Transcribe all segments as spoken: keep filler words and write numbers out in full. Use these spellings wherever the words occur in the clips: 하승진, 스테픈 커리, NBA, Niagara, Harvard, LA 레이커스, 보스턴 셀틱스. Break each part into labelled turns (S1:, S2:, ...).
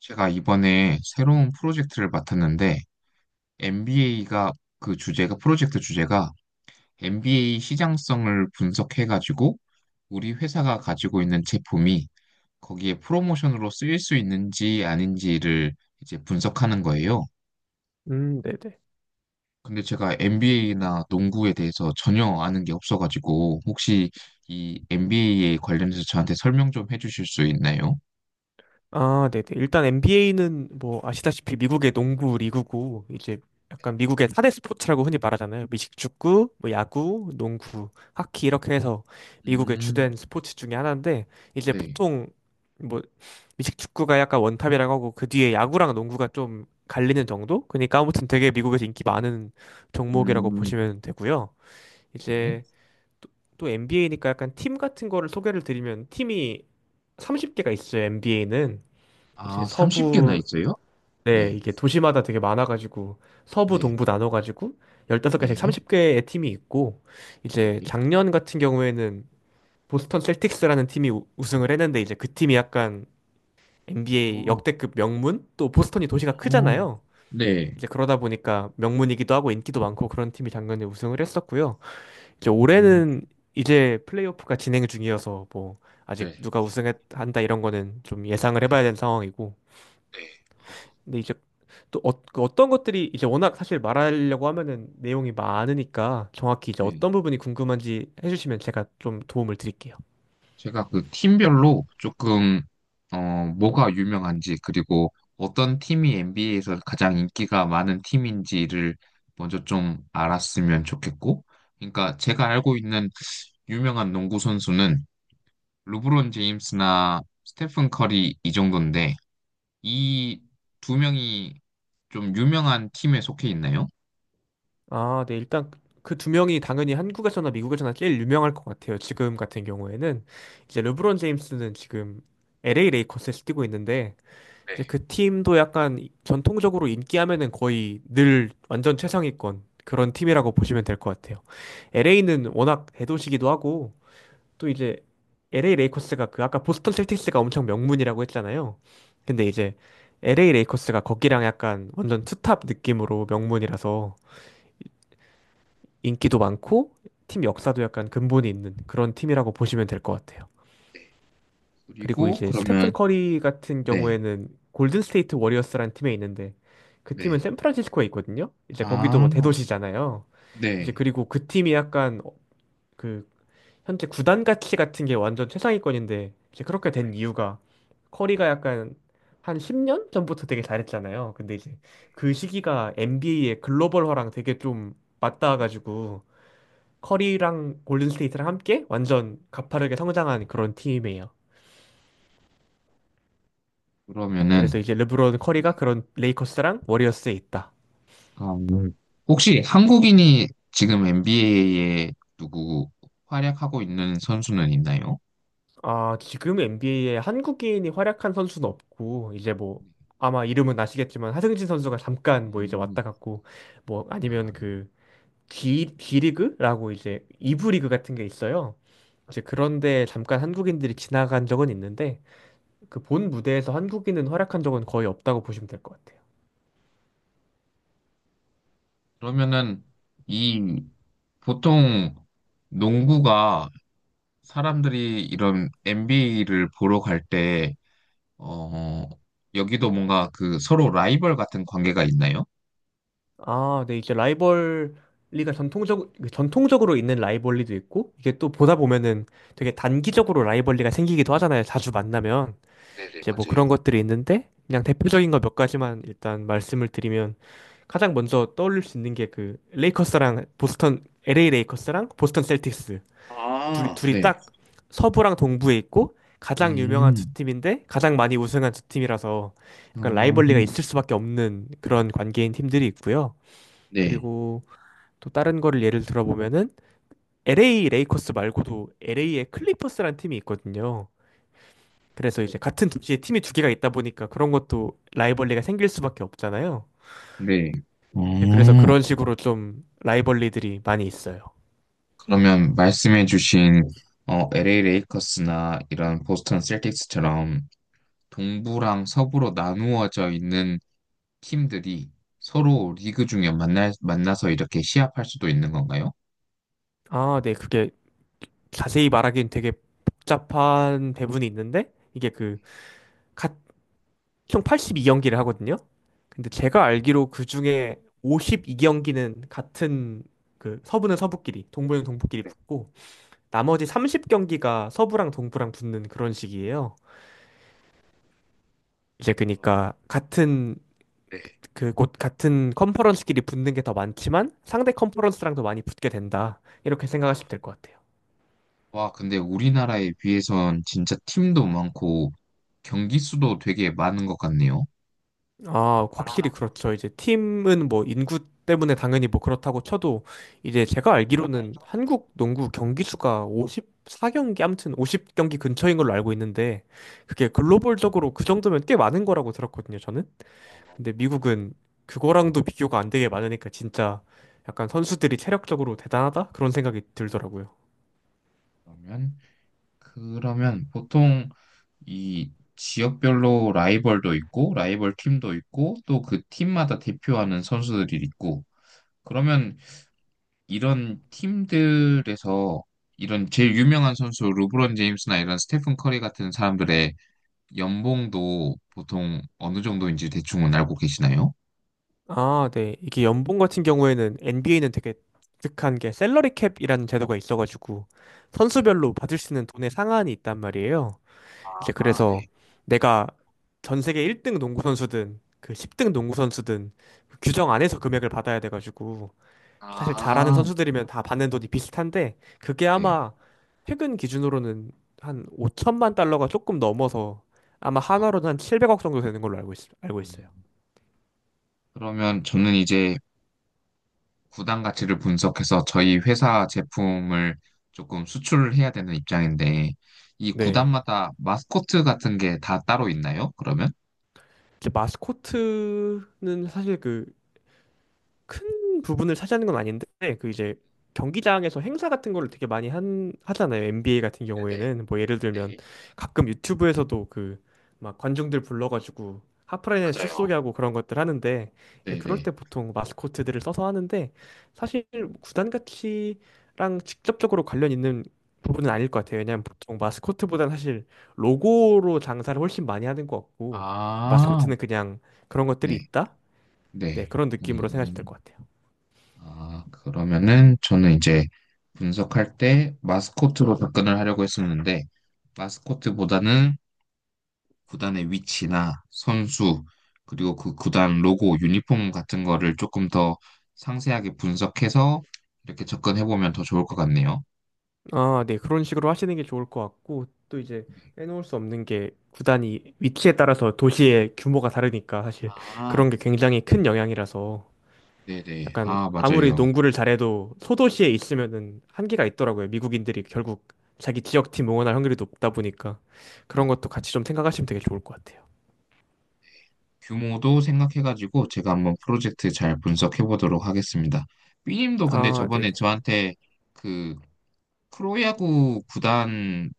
S1: 제가 이번에 새로운 프로젝트를 맡았는데 엠비에이가 그 주제가 프로젝트 주제가 엠비에이 시장성을 분석해가지고 우리 회사가 가지고 있는 제품이 거기에 프로모션으로 쓰일 수 있는지 아닌지를 이제 분석하는 거예요.
S2: 음, 네네.
S1: 근데 제가 엠비에이나 농구에 대해서 전혀 아는 게 없어가지고, 혹시 이 엠비에이에 관련해서 저한테 설명 좀 해주실 수 있나요?
S2: 아, 네네. 일단 엔비에이는 뭐 아시다시피 미국의 농구 리그고 이제 약간 미국의 사 대 스포츠라고 흔히 말하잖아요. 미식축구, 뭐 야구, 농구, 하키 이렇게 해서 미국의
S1: 음,
S2: 주된 스포츠 중에 하나인데 이제
S1: 네.
S2: 보통 뭐 미식축구가 약간 원탑이라고 하고 그 뒤에 야구랑 농구가 좀 갈리는 정도? 그러니까 아무튼 되게 미국에서 인기 많은 종목이라고
S1: 음,
S2: 보시면 되고요.
S1: 네.
S2: 이제 또 엔비에이니까 약간 팀 같은 거를 소개를 드리면 팀이 서른 개가 있어요. 엔비에이는 이제
S1: 아, 서른 개나
S2: 서부
S1: 있어요?
S2: 네,
S1: 네,
S2: 이게 도시마다 되게 많아가지고 서부
S1: 네,
S2: 동부 나눠가지고 열다섯 개씩
S1: 네,
S2: 서른 개의 팀이 있고 이제
S1: 네.
S2: 작년 같은 경우에는 보스턴 셀틱스라는 팀이 우- 우승을 했는데 이제 그 팀이 약간 엔비에이
S1: 어,
S2: 역대급 명문? 또 보스턴이 도시가
S1: 어,
S2: 크잖아요.
S1: 네.
S2: 이제 그러다 보니까 명문이기도 하고 인기도 많고 그런 팀이 작년에 우승을 했었고요. 이제
S1: 음,
S2: 올해는 이제 플레이오프가 진행 중이어서 뭐 아직
S1: 네,
S2: 누가 우승한다 이런 거는 좀 예상을 해봐야 되는 상황이고.
S1: 네, 어,
S2: 근데 이제 또 어, 그 어떤 것들이 이제 워낙 사실 말하려고 하면은 내용이 많으니까 정확히 이제
S1: 네.
S2: 어떤 부분이 궁금한지 해주시면 제가 좀 도움을 드릴게요.
S1: 제가 그 팀별로 조금, 어, 뭐가 유명한지, 그리고 어떤 팀이 엔비에이에서 가장 인기가 많은 팀인지를 먼저 좀 알았으면 좋겠고, 그러니까 제가 알고 있는 유명한 농구 선수는 르브론 제임스나 스테픈 커리 이 정도인데, 이 두 명이 좀 유명한 팀에 속해 있나요?
S2: 아, 네. 일단 그 두 명이 당연히 한국에서나 미국에서나 제일 유명할 것 같아요. 지금 같은 경우에는 이제 르브론 제임스는 지금 엘에이 레이커스에서 뛰고 있는데
S1: 네.
S2: 이제 그 팀도 약간 전통적으로 인기하면은 거의 늘 완전 최상위권 그런 팀이라고 보시면 될 것 같아요. 엘에이는 워낙 대도시기도 하고 또 이제 엘에이 레이커스가 그 아까 보스턴 셀틱스가 엄청 명문이라고 했잖아요. 근데 이제 엘에이 레이커스가 거기랑 약간 완전 투탑 느낌으로 명문이라서 인기도 많고 팀
S1: 네.
S2: 역사도 약간 근본이 있는 그런 팀이라고 보시면 될 것 같아요.
S1: 네.
S2: 그리고
S1: 그리고
S2: 이제 스테픈
S1: 그러면,
S2: 커리 같은
S1: 네,
S2: 경우에는 골든 스테이트 워리어스라는 팀에 있는데 그 팀은
S1: 네.
S2: 샌프란시스코에 있거든요. 이제 거기도
S1: 아,
S2: 뭐 대도시잖아요. 이제
S1: 네.
S2: 그리고 그 팀이 약간 어, 그 현재 구단 가치 같은 게 완전 최상위권인데 이제 그렇게 된 이유가 커리가 약간 한 십 년 전부터 되게 잘했잖아요. 근데 이제 그 시기가 엔비에이의 글로벌화랑 되게 좀 맞닿아가지고 커리랑 골든 스테이트랑 함께 완전 가파르게 성장한 그런 팀이에요. 그래서
S1: 그러면은,
S2: 이제 르브론 커리가 그런 레이커스랑 워리어스에 있다.
S1: 음, 혹시 한국인이 지금 엔비에이에 누구 활약하고 있는 선수는 있나요?
S2: 아, 지금 엔비에이에 한국인이 활약한 선수는 없고, 이제 뭐, 아마 이름은 아시겠지만, 하승진 선수가 잠깐 뭐 이제
S1: 음,
S2: 왔다 갔고, 뭐
S1: 와.
S2: 아니면 그, D, D리그라고 이제 이 부 리그 같은 게 있어요. 이제 그런데 잠깐 한국인들이 지나간 적은 있는데, 그 본 무대에서 한국인은 활약한 적은 거의 없다고 보시면 될 것 같아요.
S1: 그러면은 이 보통 농구가 사람들이 이런 엔비에이를 보러 갈 때, 어, 여기도 뭔가 그 서로 라이벌 같은 관계가 있나요?
S2: 아, 네, 이제 라이벌리가 전통적, 전통적으로 있는 라이벌리도 있고, 이게 또 보다 보면은 되게 단기적으로 라이벌리가 생기기도 하잖아요. 자주 만나면.
S1: 네네,
S2: 이제 뭐
S1: 맞아요.
S2: 그런 것들이 있는데, 그냥 대표적인 거 몇 가지만 일단 말씀을 드리면, 가장 먼저 떠올릴 수 있는 게 그, 레이커스랑 보스턴, 엘에이 레이커스랑 보스턴 셀틱스. 둘이,
S1: 아,
S2: 둘이
S1: 네.
S2: 딱 서부랑 동부에 있고, 가장 유명한 두
S1: 음,
S2: 팀인데, 가장 많이 우승한 두 팀이라서, 약간
S1: 어,
S2: 라이벌리가 있을 수밖에 없는 그런 관계인 팀들이 있고요.
S1: 네,
S2: 그리고 또 다른 거를 예를 들어보면은 엘에이 레이커스 말고도 엘에이의 클리퍼스라는 팀이 있거든요. 그래서 이제 같은 도시에 팀이 두 개가 있다 보니까 그런 것도 라이벌리가 생길 수밖에 없잖아요.
S1: 네.
S2: 네, 그래서
S1: 어,
S2: 그런 식으로 좀 라이벌리들이 많이 있어요.
S1: 그러면 말씀해주신 어, 엘에이 레이커스나 이런 보스턴 셀틱스처럼 동부랑 서부로 나누어져 있는 팀들이 서로 리그 중에 만날, 만나서 이렇게 시합할 수도 있는 건가요?
S2: 아, 네, 그게 자세히 말하기엔 되게 복잡한 배분이 있는데 이게 그 각 총 팔십이 경기를 하거든요. 근데 제가 알기로 그 중에 오십이 경기는 같은 그 서부는 서부끼리, 동부는 동부끼리
S1: 네.
S2: 붙고 나머지 삼십 경기가 서부랑 동부랑 붙는 그런 식이에요. 이제 그니까 같은
S1: 네.
S2: 그 곳 같은 컨퍼런스끼리 붙는 게 더 많지만 상대 컨퍼런스랑 더 많이 붙게 된다. 이렇게 생각하시면 될 것 같아요.
S1: 와, 근데 우리나라에 비해선 진짜 팀도 많고 경기 수도 되게 많은 것 같네요.
S2: 아,
S1: 아,
S2: 확실히 그렇죠. 이제 팀은 뭐 인구 때문에 당연히 뭐 그렇다고 쳐도 이제 제가 알기로는
S1: 알죠.
S2: 한국 농구 경기 수가 오십사 경기 아무튼 오십 경기 근처인 걸로 알고 있는데 그게 글로벌적으로 그 정도면 꽤 많은 거라고 들었거든요, 저는.
S1: 어,
S2: 근데 미국은 그거랑도 비교가 안 되게 많으니까 진짜 약간 선수들이 체력적으로 대단하다? 그런 생각이 들더라고요.
S1: 그러면 그러면 보통 이 지역별로 라이벌도 있고, 라이벌 팀도 있고, 또 그 팀마다 대표하는 선수들이 있고, 그러면 이런 팀들에서 이런 제일 유명한 선수 르브론 제임스나 이런 스테픈 커리 같은 사람들의 연봉도 보통 어느 정도인지 대충은 알고 계시나요?
S2: 아, 네. 이게 연봉 같은 경우에는 엔비에이는 되게 독특한 게 셀러리 캡이라는 제도가 있어가지고 선수별로 받을 수 있는 돈의 상한이 있단 말이에요. 이제
S1: 아, 네.
S2: 그래서 내가 전 세계 일 등 농구 선수든 그 십 등 농구 선수든 그 규정 안에서 금액을 받아야 돼가지고 사실 잘하는
S1: 아,
S2: 선수들이면 다 받는 돈이 비슷한데 그게
S1: 네.
S2: 아마 최근 기준으로는 한 오천만 달러가 조금 넘어서 아마
S1: 아,
S2: 한화로는 한 칠백억 정도 되는 걸로 알고 있, 알고 있어요.
S1: 음, 그러면 저는 이제 구단 가치를 분석해서 저희 회사 제품을 조금 수출을 해야 되는 입장인데, 이
S2: 네.
S1: 구단마다 마스코트 같은 게 다 따로 있나요, 그러면?
S2: 이제 마스코트는 사실 그 큰 부분을 차지하는 건 아닌데 그 이제 경기장에서 행사 같은 거를 되게 많이 한 하잖아요. 엔비에이 같은
S1: 네네.
S2: 경우에는 뭐 예를 들면
S1: 네.
S2: 가끔 유튜브에서도 그 막 관중들 불러가지고 하프라인에 슛
S1: 맞아요.
S2: 쏘게 하고 그런 것들 하는데 이제 그럴 때
S1: 네네.
S2: 보통 마스코트들을 써서 하는데 사실 구단 가치랑 직접적으로 관련 있는 부분은 아닐 것 같아요. 왜냐하면 보통 마스코트보다는 사실 로고로 장사를 훨씬 많이 하는 것 같고
S1: 아,
S2: 마스코트는 그냥 그런 것들이
S1: 네,
S2: 있다? 네,
S1: 네.
S2: 그런 느낌으로 생각하시면 될 것
S1: 음,
S2: 같아요.
S1: 아, 그러면은 저는 이제 분석할 때 마스코트로 접근을 하려고 했었는데, 마스코트보다는 구단의 위치나 선수, 그리고 그 구단 로고, 유니폼 같은 거를 조금 더 상세하게 분석해서 이렇게 접근해 보면 더 좋을 것 같네요.
S2: 아, 네. 그런 식으로 하시는 게 좋을 것 같고, 또 이제
S1: 네.
S2: 빼놓을 수 없는 게 구단이 위치에 따라서 도시의 규모가 다르니까 사실
S1: 아,
S2: 그런 게 굉장히 큰 영향이라서
S1: 네네.
S2: 약간
S1: 아,
S2: 아무리
S1: 맞아요.
S2: 농구를 잘해도 소도시에 있으면은 한계가 있더라고요. 미국인들이 결국 자기 지역팀 응원할 확률이 높다 보니까
S1: 네.
S2: 그런 것도 같이 좀 생각하시면 되게 좋을 것 같아요.
S1: 규모도 생각해가지고 제가 한번 프로젝트 잘 분석해 보도록 하겠습니다. 삐님도 근데
S2: 아,
S1: 저번에
S2: 네네.
S1: 저한테 그 프로야구 구단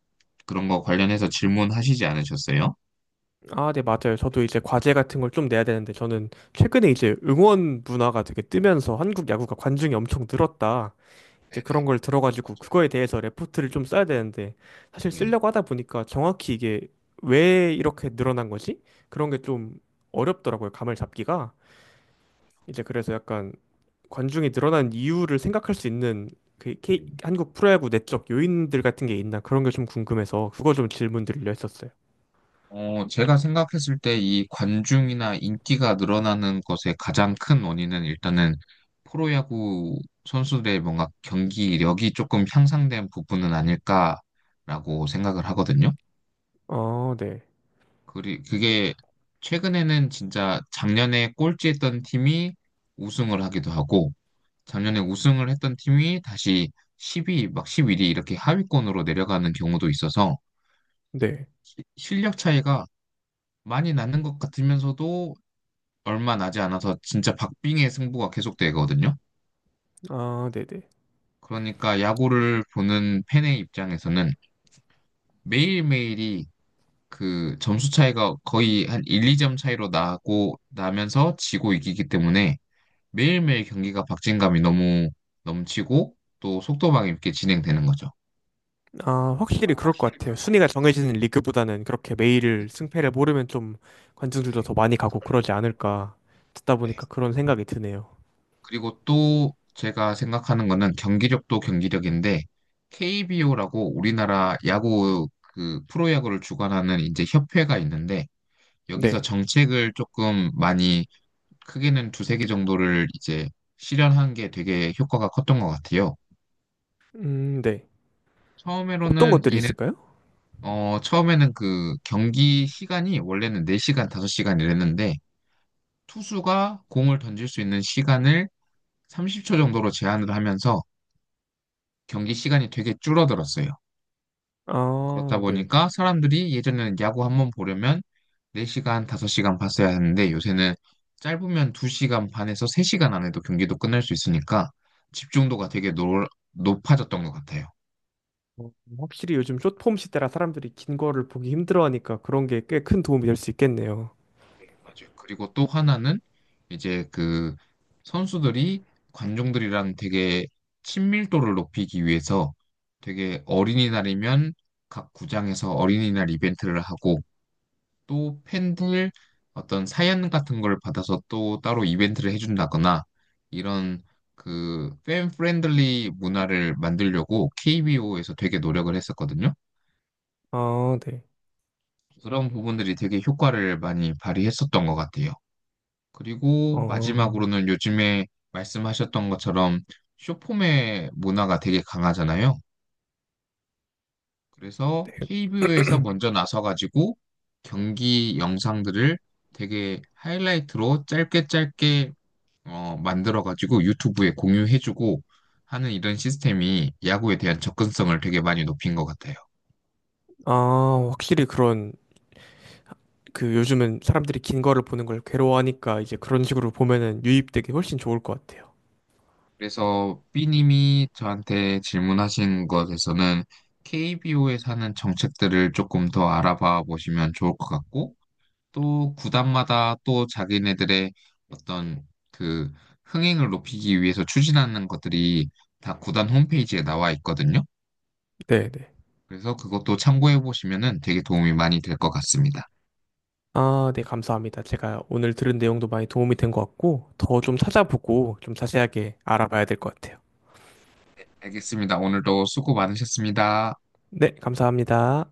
S1: 그런 거 관련해서 질문하시지 않으셨어요?
S2: 아, 네, 맞아요. 저도 이제 과제 같은 걸 좀 내야 되는데 저는 최근에 이제 응원 문화가 되게 뜨면서 한국 야구가 관중이 엄청 늘었다. 이제
S1: 네네,
S2: 그런 걸 들어가지고
S1: 맞아요.
S2: 그거에 대해서 레포트를 좀 써야 되는데 사실
S1: 네.
S2: 쓰려고 하다 보니까 정확히 이게 왜 이렇게 늘어난 거지? 그런 게 좀 어렵더라고요. 감을 잡기가. 이제 그래서 약간 관중이 늘어난 이유를 생각할 수 있는 그
S1: 네.
S2: K- 한국 프로야구 내적 요인들 같은 게 있나 그런 게 좀 궁금해서 그거 좀 질문 드리려 했었어요.
S1: 어, 제가 생각했을 때 이 관중이나 인기가 늘어나는 것의 가장 큰 원인은 일단은 프로야구 선수들의 뭔가 경기력이 조금 향상된 부분은 아닐까라고 생각을 하거든요.
S2: 어, 네.
S1: 그리 그게 최근에는 진짜 작년에 꼴찌했던 팀이 우승을 하기도 하고 작년에 우승을 했던 팀이 다시 십 위, 막 십일 위 이렇게 하위권으로 내려가는 경우도 있어서
S2: 네.
S1: 시- 실력 차이가 많이 나는 것 같으면서도 얼마 나지 않아서 진짜 박빙의 승부가 계속되거든요.
S2: 아, 네네.
S1: 그러니까 야구를 보는 팬의 입장에서는 매일매일이 그 점수 차이가 거의 한 한, 이 점 차이로 나고 나면서 지고 이기기 때문에 매일매일 경기가 박진감이 너무 넘치고 또 속도감 있게 진행되는 거죠.
S2: 아, 확실히 그럴 것
S1: 확실히
S2: 같아요.
S1: 그럴 것
S2: 순위가
S1: 같아요.
S2: 정해지는 리그보다는 그렇게
S1: 네.
S2: 매일 승패를 모르면 좀 관중들도 더 많이 가고
S1: 네.
S2: 그러지 않을까 듣다 보니까 그런 생각이 드네요.
S1: 그리고 또 제가 생각하는 거는 경기력도 경기력인데, 케이비오라고 우리나라 야구 그 프로야구를 주관하는 이제 협회가 있는데 여기서
S2: 네.
S1: 정책을 조금 많이, 크게는 두세 개 정도를 이제 실현한 게 되게 효과가 컸던 것 같아요.
S2: 음, 네. 어떤
S1: 처음으로는
S2: 것들이
S1: 얘네,
S2: 있을까요?
S1: 어, 처음에는 그 경기 시간이 원래는 네 시간, 다섯 시간 이랬는데 투수가 공을 던질 수 있는 시간을 삼십 초 정도로 제한을 하면서 경기 시간이 되게 줄어들었어요. 그렇다
S2: 아, 네.
S1: 보니까 사람들이 예전에는 야구 한번 보려면 네 시간, 다섯 시간 봤어야 했는데 요새는 짧으면 두 시간 반에서 세 시간 안에도 경기도 끝날 수 있으니까 집중도가 되게 노, 높아졌던 것 같아요.
S2: 어, 확실히 요즘 숏폼 시대라 사람들이 긴 거를 보기 힘들어하니까 그런 게 꽤 큰 도움이 될 수 있겠네요.
S1: 네, 맞아요. 그리고 또 하나는 이제 그 선수들이 관중들이랑 되게 친밀도를 높이기 위해서, 되게 어린이날이면 각 구장에서 어린이날 이벤트를 하고 또 팬들 어떤 사연 같은 걸 받아서 또 따로 이벤트를 해준다거나 이런 그 팬 프렌들리 문화를 만들려고 케이비오에서 되게 노력을 했었거든요.
S2: 아, 네.
S1: 그런 부분들이 되게 효과를 많이 발휘했었던 것 같아요. 그리고
S2: 어,
S1: 마지막으로는 요즘에 말씀하셨던 것처럼 쇼폼의 문화가 되게 강하잖아요. 그래서
S2: 네.
S1: 케이비오에서 먼저 나서가지고 경기 영상들을 되게 하이라이트로 짧게 짧게 어, 만들어가지고 유튜브에 공유해주고 하는 이런 시스템이 야구에 대한 접근성을 되게 많이 높인 것 같아요.
S2: 아, 확실히 그런 그 요즘은 사람들이 긴 거를 보는 걸 괴로워하니까 이제 그런 식으로 보면은 유입되기 훨씬 좋을 것 같아요.
S1: 그래서 B님이 저한테 질문하신 것에서는 케이비오에 사는 정책들을 조금 더 알아봐 보시면 좋을 것 같고, 또 구단마다 또 자기네들의 어떤 그 흥행을 높이기 위해서 추진하는 것들이 다 구단 홈페이지에 나와 있거든요.
S2: 네, 네.
S1: 그래서 그것도 참고해 보시면은 되게 도움이 많이 될 것 같습니다.
S2: 아, 네, 감사합니다. 제가 오늘 들은 내용도 많이 도움이 된 것 같고, 더 좀 찾아보고 좀 자세하게 알아봐야 될 것 같아요.
S1: 알겠습니다. 오늘도 수고 많으셨습니다.
S2: 네, 감사합니다.